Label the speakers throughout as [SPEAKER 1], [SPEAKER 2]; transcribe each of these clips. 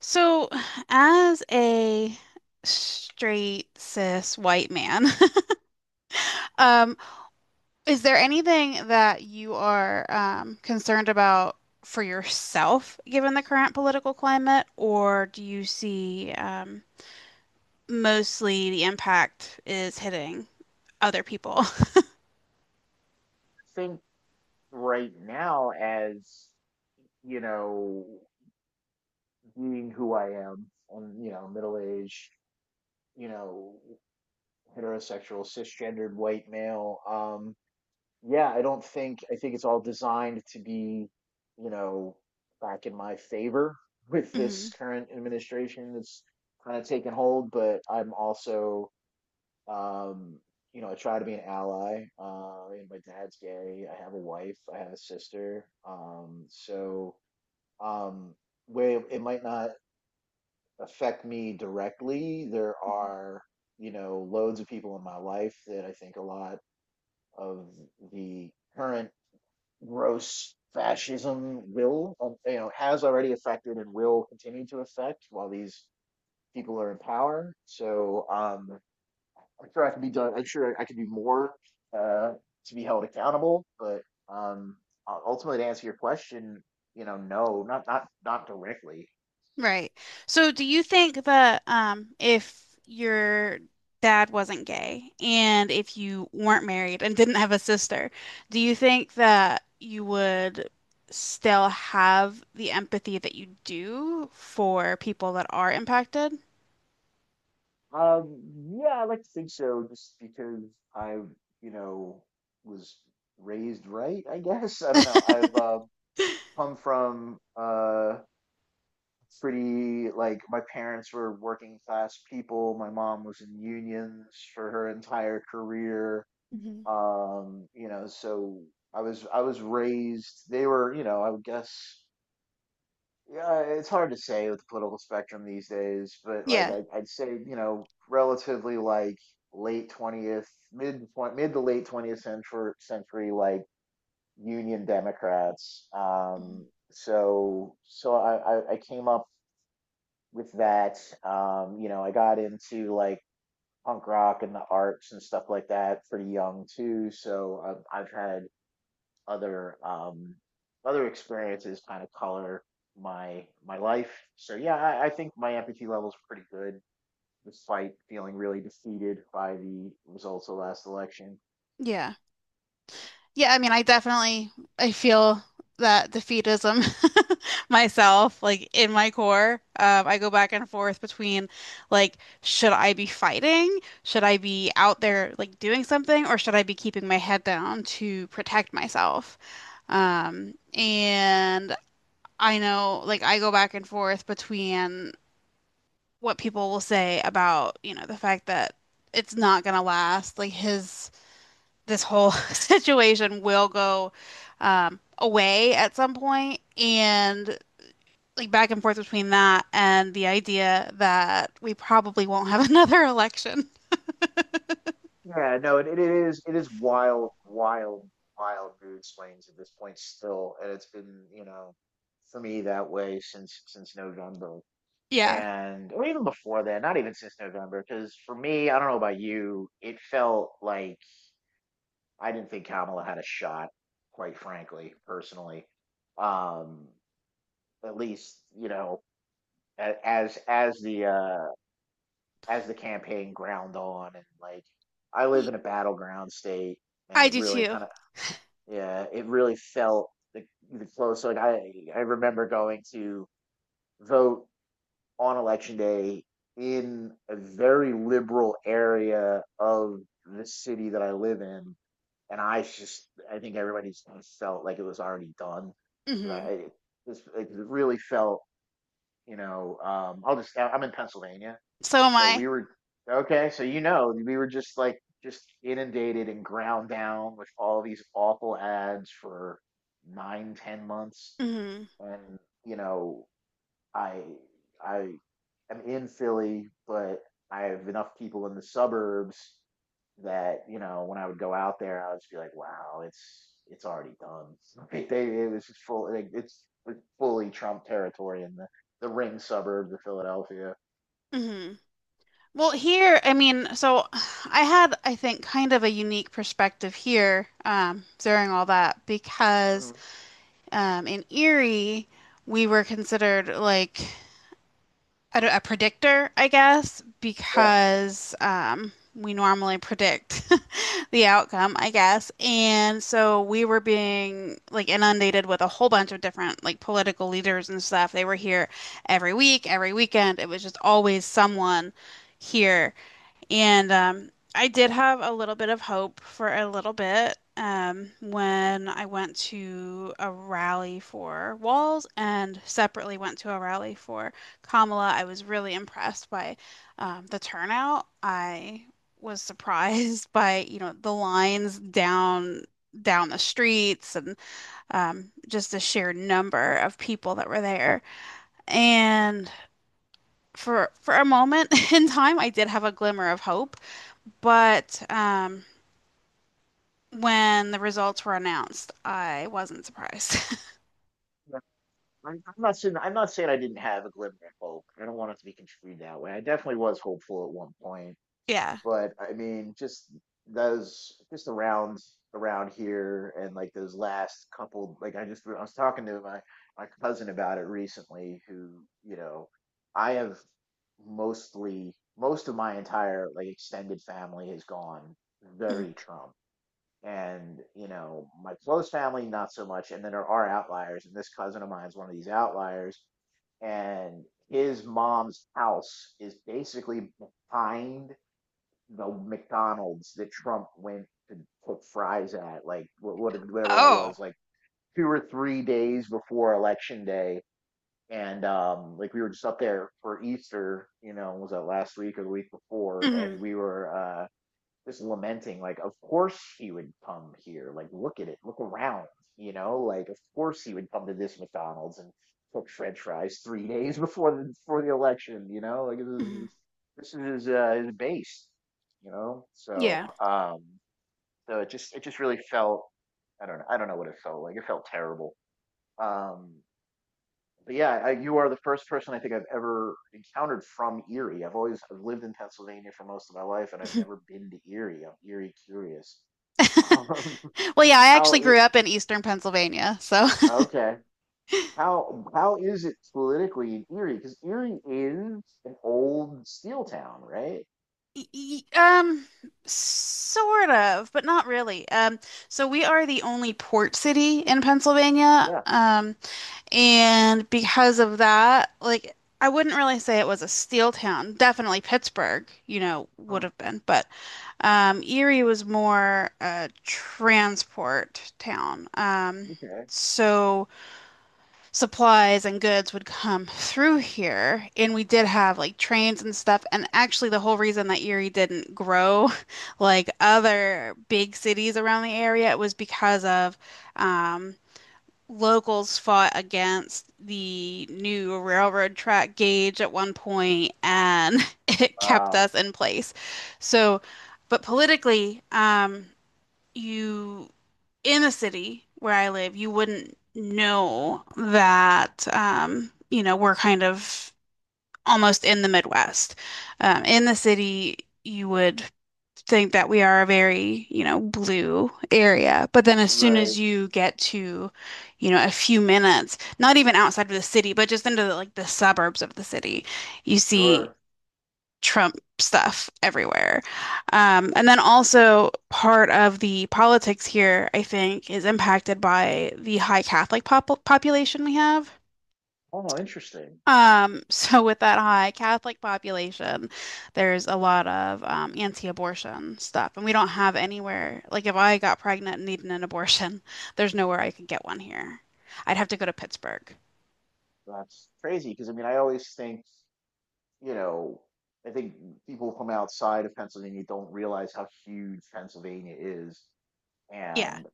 [SPEAKER 1] So, as a straight cis white man, um, is there anything that you are concerned about for yourself, given the current political climate, or do you see mostly the impact is hitting other people?
[SPEAKER 2] Think right now, as, you know being who I am, I'm, middle aged, you know heterosexual cisgendered white male. Yeah, I don't think I think it's all designed to be, you know back in my favor with this
[SPEAKER 1] Mhm.
[SPEAKER 2] current administration that's kind of taken hold, but I'm also Um, I try to be an ally. And my dad's gay. I have a wife. I have a sister. So um, where it might not affect me directly, there are, loads of people in my life that I think a lot of the current gross fascism will, has already affected and will continue to affect while these people are in power. So I'm sure I can be done. I'm sure I could do more uh, to be held accountable. But um, ultimately, to answer your question, no, not directly.
[SPEAKER 1] Right. So do you think that if your dad wasn't gay and if you weren't married and didn't have a sister, do you think that you would still have the empathy that you do for people that are impacted?
[SPEAKER 2] Um, yeah, I like to think so, just because I, you know, was raised right. I guess I don't know. I've come from pretty, like, my parents were working class people. My mom was in unions for her entire career.
[SPEAKER 1] hmm
[SPEAKER 2] So I was raised. They were, I would guess. Yeah, it's hard to say with the political spectrum these days, but like
[SPEAKER 1] Yeah.
[SPEAKER 2] I'd say, relatively, like, late 20th, mid to late 20th century, like Union Democrats.
[SPEAKER 1] Mhm.
[SPEAKER 2] So I came up with that. I got into, like, punk rock and the arts and stuff like that pretty young too. So I've had other other experiences kind of color my life. So yeah, I think my empathy level is pretty good, despite feeling really defeated by the results of last election.
[SPEAKER 1] Yeah. Yeah, I mean, I definitely I feel that defeatism myself, like in my core. I go back and forth between like, should I be fighting? Should I be out there like doing something, or should I be keeping my head down to protect myself? And I know like I go back and forth between what people will say about, the fact that it's not gonna last, like his this whole situation will go away at some point, and like back and forth between that and the idea that we probably won't have another election.
[SPEAKER 2] Yeah, no, it is wild, wild, wild mood swings at this point still, and it's been, for me, that way since November,
[SPEAKER 1] Yeah.
[SPEAKER 2] and or even before that, not even since November, because for me, I don't know about you, it felt like I didn't think Kamala had a shot, quite frankly, personally. Um, at least, a- as as the uh, as the campaign ground on, and, like, I live
[SPEAKER 1] Y-
[SPEAKER 2] in a battleground state, and
[SPEAKER 1] I
[SPEAKER 2] it
[SPEAKER 1] do
[SPEAKER 2] really
[SPEAKER 1] too.
[SPEAKER 2] kind of, yeah, it really felt the close. Like, I remember going to vote on election day in a very liberal area of the city that I live in, and I think everybody just felt like it was already done. 'Cause
[SPEAKER 1] hmm
[SPEAKER 2] I this It really felt, I'm in Pennsylvania,
[SPEAKER 1] So am
[SPEAKER 2] so
[SPEAKER 1] I.
[SPEAKER 2] we were okay. So we were just like just inundated and ground down with all these awful ads for 9 or 10 months,
[SPEAKER 1] hmm
[SPEAKER 2] and you know I I am in Philly, but I have enough people in the suburbs that when I would go out there, I would just be like, "Wow, it's already done." Like, they it was just full, like, it's fully Trump territory in the ring suburbs of Philadelphia.
[SPEAKER 1] hmm Well, here, I mean, so I had, I think, kind of a unique perspective here during all that because
[SPEAKER 2] Mhm.
[SPEAKER 1] in Erie, we were considered like a predictor, I guess,
[SPEAKER 2] Yeah,
[SPEAKER 1] because we normally predict the outcome, I guess. And so we were being like inundated with a whole bunch of different like political leaders and stuff. They were here every week, every weekend. It was just always someone here. And I did have a little bit of hope for a little bit when I went to a rally for Walls and separately went to a rally for Kamala. I was really impressed by the turnout. I was surprised by, you know, the lines down the streets and just the sheer number of people that were there. And for a moment in time, I did have a glimmer of hope but when the results were announced, I wasn't surprised.
[SPEAKER 2] yeah, I'm not saying I didn't have a glimmer of hope. I don't want it to be construed that way. I definitely was hopeful at one point.
[SPEAKER 1] Yeah.
[SPEAKER 2] But I mean, just those, just around here, and like those last couple, like I was talking to my cousin about it recently, who, you know, I have mostly most of my entire, like, extended family has gone
[SPEAKER 1] Mhm.
[SPEAKER 2] very Trump. And you know, my close family, not so much. And then there are outliers, and this cousin of mine is one of these outliers, and his mom's house is basically behind the McDonald's that Trump went to put fries at, like, what, whatever that
[SPEAKER 1] Oh.
[SPEAKER 2] was, like, 2 or 3 days before election day. And like, we were just up there for Easter. You know, was that last week or the week before? And
[SPEAKER 1] Mhm.
[SPEAKER 2] we were just lamenting, like, of course he would come here. Like, look at it, look around, you know, like, of course he would come to this McDonald's and cook French fries 3 days before the election. You know, like, this
[SPEAKER 1] Mhm.
[SPEAKER 2] is his base, So,
[SPEAKER 1] Yeah.
[SPEAKER 2] so it just really felt, I don't know what it felt like. It felt terrible. Um, but yeah, you are the first person I think I've ever encountered from Erie. I've lived in Pennsylvania for most of my life, and I've never been to Erie. I'm Erie curious. Um,
[SPEAKER 1] Well, yeah, I
[SPEAKER 2] how
[SPEAKER 1] actually grew
[SPEAKER 2] it
[SPEAKER 1] up in Eastern Pennsylvania, so
[SPEAKER 2] okay? How is it politically in Erie? Because Erie is an old steel town, right?
[SPEAKER 1] um sort of, but not really. So we are the only port city in Pennsylvania.
[SPEAKER 2] Yeah.
[SPEAKER 1] And because of that, like I wouldn't really say it was a steel town. Definitely Pittsburgh, you know,
[SPEAKER 2] Hmm.
[SPEAKER 1] would have been, but Erie was more a transport town.
[SPEAKER 2] Okay.
[SPEAKER 1] So supplies and goods would come through here, and we did have like trains and stuff. And actually, the whole reason that Erie didn't grow like other big cities around the area was because of um, locals fought against the new railroad track gauge at one point and it kept
[SPEAKER 2] Wow.
[SPEAKER 1] us in place. So, but politically, you in the city where I live, you wouldn't know that, you know, we're kind of almost in the Midwest. In the city, you would think that we are a very, you know, blue area. But then as soon
[SPEAKER 2] Right.
[SPEAKER 1] as you get to, you know, a few minutes, not even outside of the city, but just into the, like the suburbs of the city, you see
[SPEAKER 2] Sure.
[SPEAKER 1] Trump stuff everywhere. And then also part of the politics here, I think, is impacted by the high Catholic pop population we have.
[SPEAKER 2] Oh, interesting.
[SPEAKER 1] So with that high Catholic population, there's a lot of anti-abortion stuff, and we don't have anywhere. Like if I got pregnant and needed an abortion, there's nowhere I could get one here. I'd have to go to Pittsburgh.
[SPEAKER 2] That's crazy. Because I mean, I always think you know, I think people from outside of Pennsylvania don't realize how huge Pennsylvania is.
[SPEAKER 1] Yeah.
[SPEAKER 2] And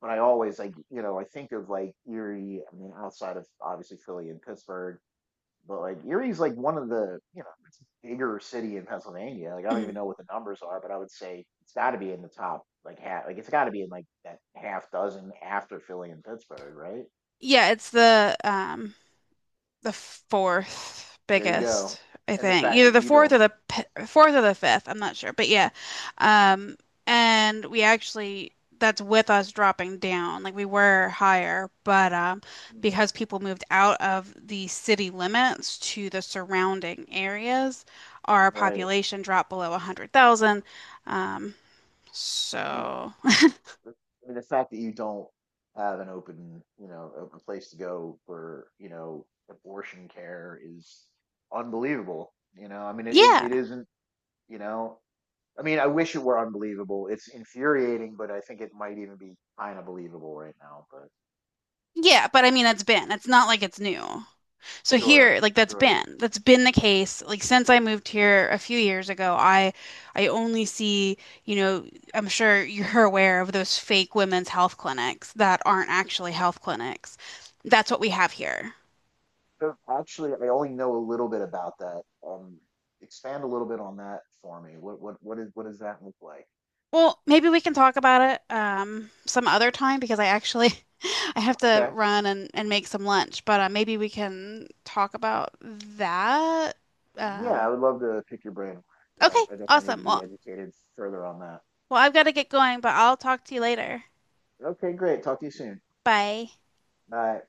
[SPEAKER 2] but I always like, you know, I think of, like, Erie, I mean, outside of obviously Philly and Pittsburgh, but like Erie's like one of the, it's a bigger city in Pennsylvania. Like, I don't
[SPEAKER 1] hmm
[SPEAKER 2] even know what the numbers are, but I would say it's got to be in the top, like, half, like it's got to be in like that half dozen after Philly and Pittsburgh, right?
[SPEAKER 1] Yeah, it's the fourth
[SPEAKER 2] There you go.
[SPEAKER 1] biggest, I
[SPEAKER 2] And the
[SPEAKER 1] think.
[SPEAKER 2] fact
[SPEAKER 1] Either
[SPEAKER 2] that
[SPEAKER 1] the
[SPEAKER 2] you
[SPEAKER 1] fourth
[SPEAKER 2] don't,
[SPEAKER 1] or the p fourth or the fifth. I'm not sure, but yeah. Um, and we actually that's with us dropping down. Like we were higher, but
[SPEAKER 2] mm,
[SPEAKER 1] because people moved out of the city limits to the surrounding areas, our
[SPEAKER 2] right?
[SPEAKER 1] population dropped below 100,000. Um,
[SPEAKER 2] I mean,
[SPEAKER 1] so
[SPEAKER 2] I the fact that you don't have an open, open place to go for, you know, abortion care is unbelievable. I mean, it, it
[SPEAKER 1] yeah,
[SPEAKER 2] it isn't, you know, I mean, I wish it were unbelievable. It's infuriating, but I think it might even be kind of believable right now. But
[SPEAKER 1] yeah. But I mean, it's been. It's not like it's new. So
[SPEAKER 2] sure,
[SPEAKER 1] here, like that's
[SPEAKER 2] sure.
[SPEAKER 1] been that's been the case. Like since I moved here a few years ago, I only see, you know, I'm sure you're aware of those fake women's health clinics that aren't actually health clinics. That's what we have here.
[SPEAKER 2] So actually, I only know a little bit about that. Um, Expand a little bit on that for me. What does that look like?
[SPEAKER 1] Well, maybe we can talk about it some other time because I actually I have to
[SPEAKER 2] Okay.
[SPEAKER 1] run and make some lunch, but maybe we can talk about that.
[SPEAKER 2] Yeah, I
[SPEAKER 1] Um
[SPEAKER 2] would love to pick your brain more, 'cause I,
[SPEAKER 1] okay,
[SPEAKER 2] I definitely need
[SPEAKER 1] awesome.
[SPEAKER 2] to be
[SPEAKER 1] Well,
[SPEAKER 2] educated further on that.
[SPEAKER 1] well, I've got to get going, but I'll talk to you later.
[SPEAKER 2] Okay, great. Talk to you soon.
[SPEAKER 1] Bye.
[SPEAKER 2] Bye.